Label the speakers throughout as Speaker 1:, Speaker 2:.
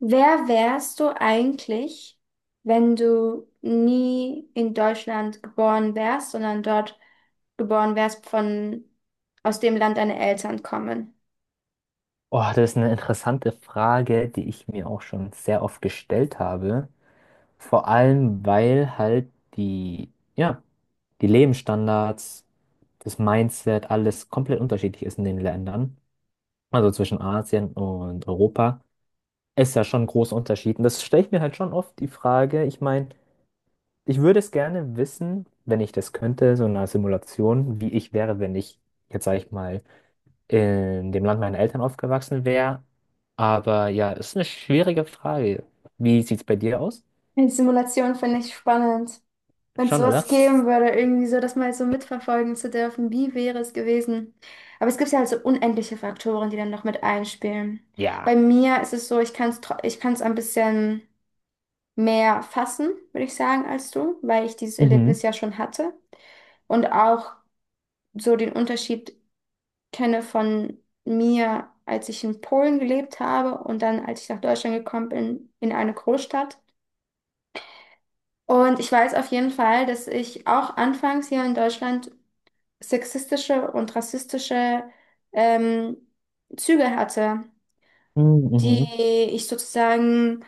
Speaker 1: Wer wärst du eigentlich, wenn du nie in Deutschland geboren wärst, sondern dort geboren wärst von aus dem Land deine Eltern kommen?
Speaker 2: Oh, das ist eine interessante Frage, die ich mir auch schon sehr oft gestellt habe. Vor allem, weil halt die Lebensstandards, das Mindset, alles komplett unterschiedlich ist in den Ländern. Also zwischen Asien und Europa ist ja schon ein großer Unterschied. Und das stelle ich mir halt schon oft die Frage. Ich meine, ich würde es gerne wissen, wenn ich das könnte, so in einer Simulation, wie ich wäre, wenn ich jetzt, sage ich mal, in dem Land meiner Eltern aufgewachsen wäre. Aber ja, ist eine schwierige Frage. Wie sieht's bei dir aus?
Speaker 1: Die Simulation finde ich spannend. Wenn es
Speaker 2: Schon, oder?
Speaker 1: sowas geben würde, irgendwie so, das mal so mitverfolgen zu dürfen, wie wäre es gewesen? Aber es gibt ja halt so unendliche Faktoren, die dann noch mit einspielen. Bei
Speaker 2: Ja.
Speaker 1: mir ist es so, ich kann es ein bisschen mehr fassen, würde ich sagen, als du, weil ich dieses Erlebnis
Speaker 2: Mhm.
Speaker 1: ja schon hatte. Und auch so den Unterschied kenne von mir, als ich in Polen gelebt habe und dann, als ich nach Deutschland gekommen bin, in eine Großstadt. Und ich weiß auf jeden Fall, dass ich auch anfangs hier in Deutschland sexistische und rassistische ähm, Züge hatte,
Speaker 2: Mhm.
Speaker 1: die
Speaker 2: Mhm.
Speaker 1: ich sozusagen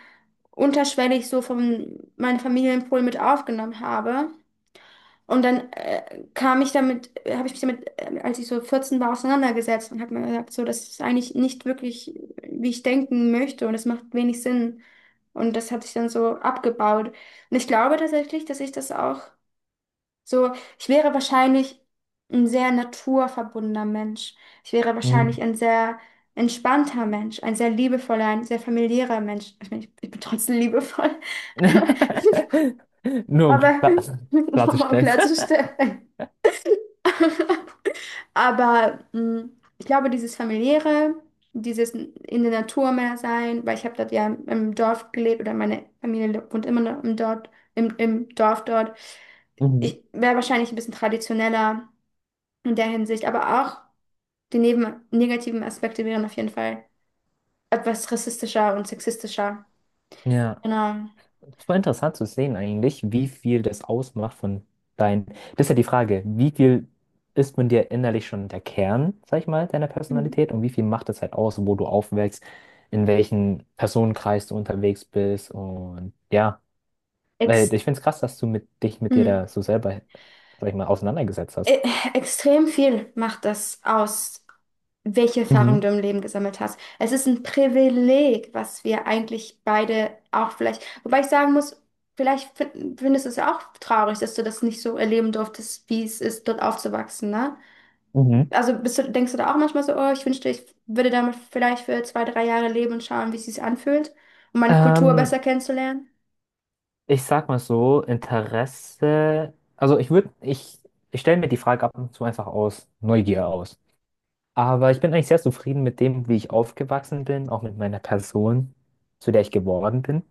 Speaker 1: unterschwellig so von meiner Familie in Polen mit aufgenommen habe. Und dann habe ich mich damit, als ich so 14 war, auseinandergesetzt und habe mir gesagt, so, das ist eigentlich nicht wirklich, wie ich denken möchte, und das macht wenig Sinn. Und das hatte ich dann so abgebaut. Und ich glaube tatsächlich, dass ich das auch so, ich wäre wahrscheinlich ein sehr naturverbundener Mensch. Ich wäre wahrscheinlich
Speaker 2: Mhm.
Speaker 1: ein sehr entspannter Mensch, ein sehr liebevoller, ein sehr familiärer Mensch. Ich meine, ich bin trotzdem liebevoll,
Speaker 2: Nur um
Speaker 1: aber um mal
Speaker 2: klarzustellen.
Speaker 1: klarzustellen. Aber ich glaube, dieses Familiäre, dieses in der Natur mehr sein, weil ich habe dort ja im, im Dorf gelebt, oder meine Familie wohnt immer noch im Dorf, im Dorf dort.
Speaker 2: Mhm.
Speaker 1: Ich wäre wahrscheinlich ein bisschen traditioneller in der Hinsicht, aber auch die neben negativen Aspekte wären auf jeden Fall etwas rassistischer und sexistischer.
Speaker 2: Ja.
Speaker 1: Genau.
Speaker 2: Es war interessant zu sehen eigentlich, wie viel das ausmacht von dein. Das ist ja die Frage, wie viel ist von dir innerlich schon der Kern, sag ich mal, deiner
Speaker 1: Mhm.
Speaker 2: Personalität, und wie viel macht das halt aus, wo du aufwächst, in welchen Personenkreis du unterwegs bist, und ja, weil
Speaker 1: Ex.
Speaker 2: ich finde es krass, dass du mit dir da
Speaker 1: Hm.
Speaker 2: so selber, sag ich mal, auseinandergesetzt hast.
Speaker 1: E- Extrem viel macht das aus, welche Erfahrungen
Speaker 2: Mhm,
Speaker 1: du im Leben gesammelt hast. Es ist ein Privileg, was wir eigentlich beide auch vielleicht, wobei ich sagen muss, vielleicht findest du es ja auch traurig, dass du das nicht so erleben durftest, wie es ist, dort aufzuwachsen, ne?
Speaker 2: mhm.
Speaker 1: Also denkst du da auch manchmal so, oh, ich wünschte, ich würde damit vielleicht für zwei, drei Jahre leben und schauen, wie es sich anfühlt, um meine Kultur
Speaker 2: Ähm,
Speaker 1: besser kennenzulernen?
Speaker 2: ich sag mal so, Interesse, also ich stelle mir die Frage ab und zu einfach aus Neugier aus. Aber ich bin eigentlich sehr zufrieden mit dem, wie ich aufgewachsen bin, auch mit meiner Person, zu der ich geworden bin.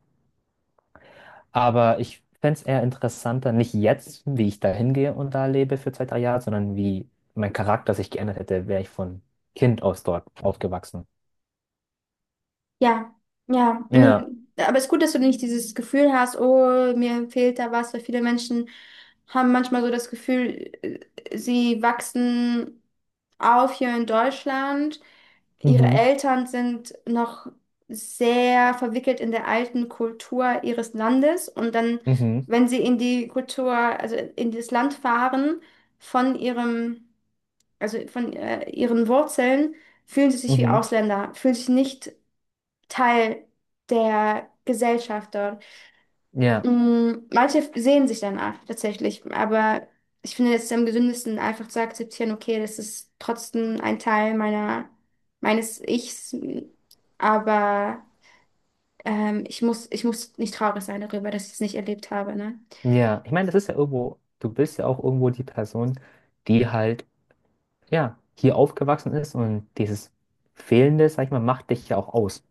Speaker 2: Aber ich fände es eher interessanter, nicht jetzt, wie ich da hingehe und da lebe für zwei, drei Jahre, sondern wie mein Charakter sich geändert hätte, wäre ich von Kind aus dort aufgewachsen.
Speaker 1: Ja, ja, nee.
Speaker 2: Ja.
Speaker 1: Aber es ist gut, dass du nicht dieses Gefühl hast, oh, mir fehlt da was, weil viele Menschen haben manchmal so das Gefühl sie wachsen auf hier in Deutschland. Ihre
Speaker 2: Mhm.
Speaker 1: Eltern sind noch sehr verwickelt in der alten Kultur ihres Landes, und dann,
Speaker 2: Mhm.
Speaker 1: wenn sie in die Kultur, also in das Land fahren, von ihrem, also von ihren Wurzeln, fühlen sie sich wie
Speaker 2: Mhm.
Speaker 1: Ausländer, fühlen sich nicht Teil der Gesellschaft dort.
Speaker 2: Ja.
Speaker 1: Manche sehen sich danach tatsächlich, aber ich finde, es ist am gesündesten, einfach zu akzeptieren, okay, das ist trotzdem ein Teil meiner, meines Ichs, aber ich muss nicht traurig sein darüber, dass ich es nicht erlebt habe, ne?
Speaker 2: Ja. Ich meine, das ist ja irgendwo, du bist ja auch irgendwo die Person, die halt, ja, hier aufgewachsen ist, und dieses Fehlende, sag ich mal, macht dich ja auch aus.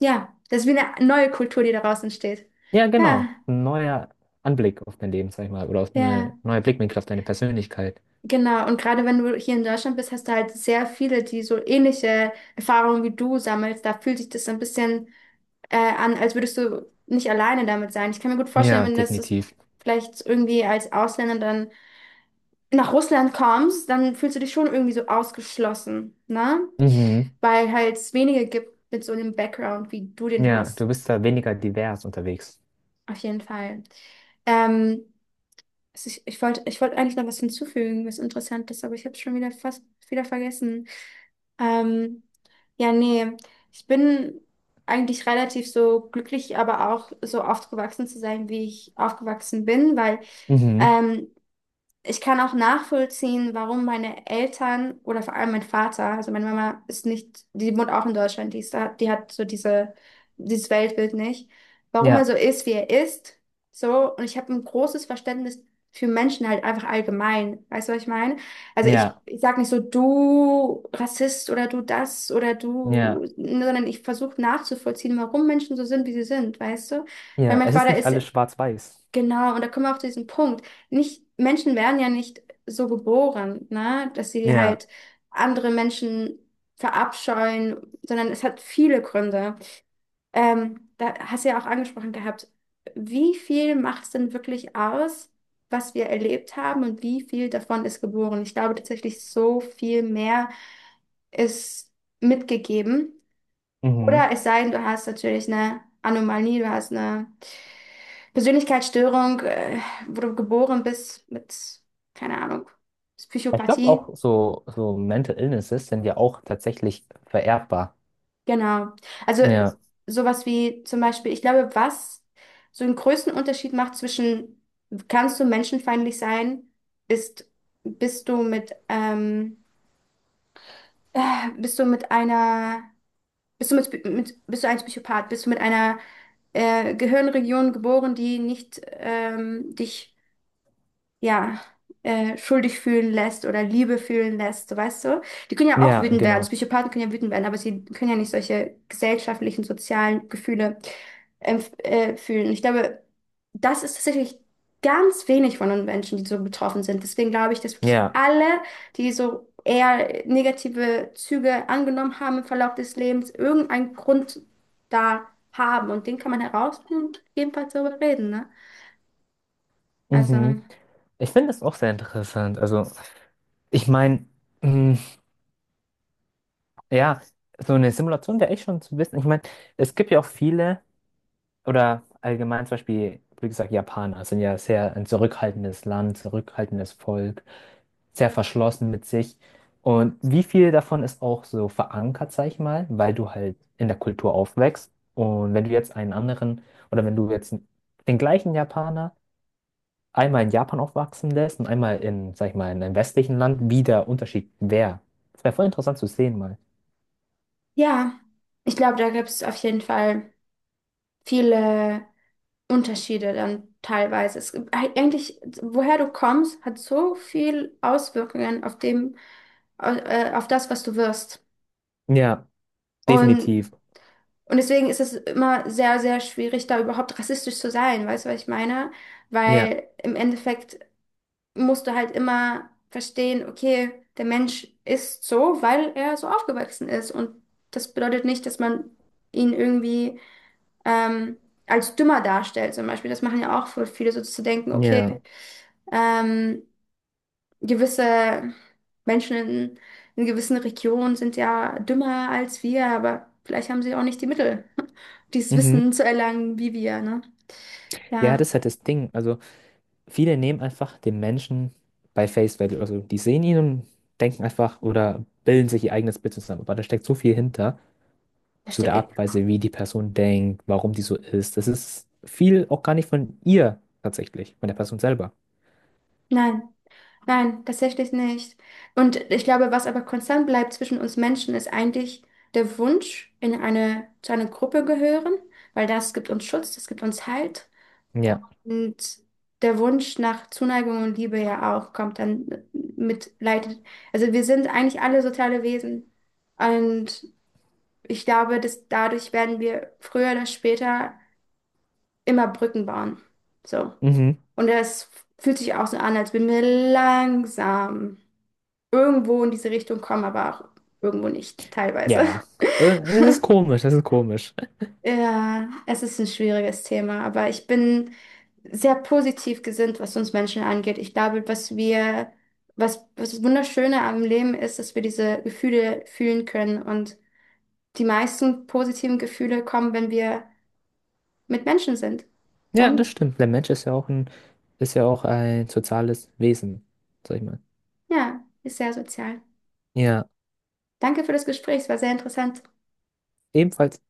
Speaker 1: Ja, das ist wie eine neue Kultur, die daraus entsteht.
Speaker 2: Ja,
Speaker 1: Ja,
Speaker 2: genau. Ein neuer Anblick auf dein Leben, sag ich mal, oder auf eine
Speaker 1: ja.
Speaker 2: neue Blickwinkel auf deine Persönlichkeit.
Speaker 1: Genau, und gerade wenn du hier in Deutschland bist, hast du halt sehr viele, die so ähnliche Erfahrungen wie du sammelst. Da fühlt sich das so ein bisschen an, als würdest du nicht alleine damit sein. Ich kann mir gut vorstellen,
Speaker 2: Ja,
Speaker 1: wenn das
Speaker 2: definitiv.
Speaker 1: vielleicht irgendwie als Ausländer dann nach Russland kommst, dann fühlst du dich schon irgendwie so ausgeschlossen, ne?
Speaker 2: Mhm.
Speaker 1: Weil halt es wenige gibt mit so einem Background, wie du den
Speaker 2: Ja,
Speaker 1: hast.
Speaker 2: du bist da weniger divers unterwegs.
Speaker 1: Auf jeden Fall. Ähm, Also ich wollte eigentlich noch was hinzufügen, was Interessantes, aber ich habe es schon wieder fast wieder vergessen. Ähm, ja, nee, ich bin eigentlich relativ so glücklich, aber auch so aufgewachsen zu sein, wie ich aufgewachsen bin, weil
Speaker 2: Mhm.
Speaker 1: ähm, ich kann auch nachvollziehen, warum meine Eltern, oder vor allem mein Vater, also meine Mama ist nicht, die wohnt auch in Deutschland, die ist da, die hat so diese, dieses Weltbild nicht, warum er
Speaker 2: Ja,
Speaker 1: so ist, wie er ist, so, und ich habe ein großes Verständnis für Menschen halt einfach allgemein, weißt du, was ich meine? Also ich,
Speaker 2: ja,
Speaker 1: ich sag nicht so, du Rassist oder du das oder
Speaker 2: ja,
Speaker 1: du, sondern ich versuche nachzuvollziehen, warum Menschen so sind, wie sie sind, weißt du? Weil
Speaker 2: ja.
Speaker 1: mein
Speaker 2: Es ist
Speaker 1: Vater
Speaker 2: nicht
Speaker 1: ist.
Speaker 2: alles schwarz-weiß.
Speaker 1: Genau, und da kommen wir auch zu diesem Punkt. Nicht, Menschen werden ja nicht so geboren, ne, dass sie
Speaker 2: Ja.
Speaker 1: halt andere Menschen verabscheuen, sondern es hat viele Gründe. Da hast du ja auch angesprochen gehabt, wie viel macht es denn wirklich aus, was wir erlebt haben, und wie viel davon ist geboren? Ich glaube tatsächlich, so viel mehr ist mitgegeben.
Speaker 2: Mhm.
Speaker 1: Oder es sei denn, du hast natürlich eine Anomalie, du hast eine Persönlichkeitsstörung, wo du geboren bist mit, keine Ahnung,
Speaker 2: Ich glaube
Speaker 1: Psychopathie.
Speaker 2: auch so, so Mental Illnesses sind ja auch tatsächlich vererbbar.
Speaker 1: Genau. Also
Speaker 2: Ja,
Speaker 1: sowas wie zum Beispiel, ich glaube, was so einen größten Unterschied macht zwischen, kannst du menschenfeindlich sein, ist, bist du mit, ähm, bist du mit einer, bist du mit, bist du ein Psychopath, bist du mit einer Gehirnregion geboren, die nicht dich ja, schuldig fühlen lässt oder Liebe fühlen lässt, so, weißt du? Die können ja auch
Speaker 2: ja,
Speaker 1: wütend werden.
Speaker 2: genau.
Speaker 1: Psychopathen können ja wütend werden, aber sie können ja nicht solche gesellschaftlichen, sozialen Gefühle fühlen. Ich glaube, das ist tatsächlich ganz wenig von den Menschen, die so betroffen sind. Deswegen glaube ich, dass wirklich
Speaker 2: Ja.
Speaker 1: alle, die so eher negative Züge angenommen haben im Verlauf des Lebens, irgendeinen Grund da haben. Und den kann man herausfinden und jedenfalls darüber reden, ne?
Speaker 2: Mhm.
Speaker 1: Also.
Speaker 2: Ich finde das auch sehr interessant. Also, ich meine, ja, so eine Simulation wäre echt schon zu wissen. Ich meine, es gibt ja auch viele, oder allgemein zum Beispiel, wie gesagt, Japaner sind ja sehr ein zurückhaltendes Land, zurückhaltendes Volk, sehr verschlossen mit sich. Und wie viel davon ist auch so verankert, sag ich mal, weil du halt in der Kultur aufwächst. Und wenn du jetzt einen anderen, oder wenn du jetzt den gleichen Japaner einmal in Japan aufwachsen lässt und einmal in, sag ich mal, in einem westlichen Land, wie der Unterschied wäre. Das wäre voll interessant zu sehen mal.
Speaker 1: Ja, ich glaube, da gibt es auf jeden Fall viele Unterschiede dann teilweise. Es gibt eigentlich, woher du kommst, hat so viel Auswirkungen auf dem, auf das, was du wirst.
Speaker 2: Ja,
Speaker 1: Und,
Speaker 2: definitiv.
Speaker 1: und deswegen ist es immer sehr, sehr schwierig, da überhaupt rassistisch zu sein, weißt du, was ich meine?
Speaker 2: Ja,
Speaker 1: Weil im Endeffekt musst du halt immer verstehen, okay, der Mensch ist so, weil er so aufgewachsen ist. Und das bedeutet nicht, dass man ihn irgendwie ähm, als dümmer darstellt, zum Beispiel. Das machen ja auch voll viele, so zu denken,
Speaker 2: ja.
Speaker 1: okay, ähm, gewisse Menschen in, gewissen Regionen sind ja dümmer als wir, aber vielleicht haben sie auch nicht die Mittel, dieses
Speaker 2: Mhm.
Speaker 1: Wissen zu erlangen, wie wir, ne?
Speaker 2: Ja,
Speaker 1: Ja,
Speaker 2: das ist halt das Ding. Also viele nehmen einfach den Menschen bei Face Value. Also die sehen ihn und denken einfach oder bilden sich ihr eigenes Bild zusammen. Aber da steckt so viel hinter, zu
Speaker 1: verstehe
Speaker 2: der
Speaker 1: ich.
Speaker 2: Art und Weise, wie die Person denkt, warum die so ist. Das ist viel auch gar nicht von ihr tatsächlich, von der Person selber.
Speaker 1: Nein. Nein, tatsächlich nicht. Und ich glaube, was aber konstant bleibt zwischen uns Menschen, ist eigentlich der Wunsch, zu einer Gruppe gehören, weil das gibt uns Schutz, das gibt uns Halt.
Speaker 2: Ja.
Speaker 1: Und der Wunsch nach Zuneigung und Liebe ja auch kommt dann mit leitet. Also wir sind eigentlich alle soziale Wesen. Und ich glaube, dass dadurch werden wir früher oder später immer Brücken bauen. So.
Speaker 2: Mhm.
Speaker 1: Und das fühlt sich auch so an, als würden wir langsam irgendwo in diese Richtung kommen, aber auch irgendwo nicht, teilweise.
Speaker 2: Ja. Äh, Es ist komisch, es ist komisch.
Speaker 1: Ja, es ist ein schwieriges Thema, aber ich bin sehr positiv gesinnt, was uns Menschen angeht. Ich glaube, was wir, was das Wunderschöne am Leben ist, dass wir diese Gefühle fühlen können. Und die meisten positiven Gefühle kommen, wenn wir mit Menschen sind.
Speaker 2: Ja,
Speaker 1: Und
Speaker 2: das stimmt. Der Mensch ist ja auch ein soziales Wesen, sag ich mal.
Speaker 1: ja, ist sehr sozial.
Speaker 2: Ja,
Speaker 1: Danke für das Gespräch, es war sehr interessant.
Speaker 2: ebenfalls.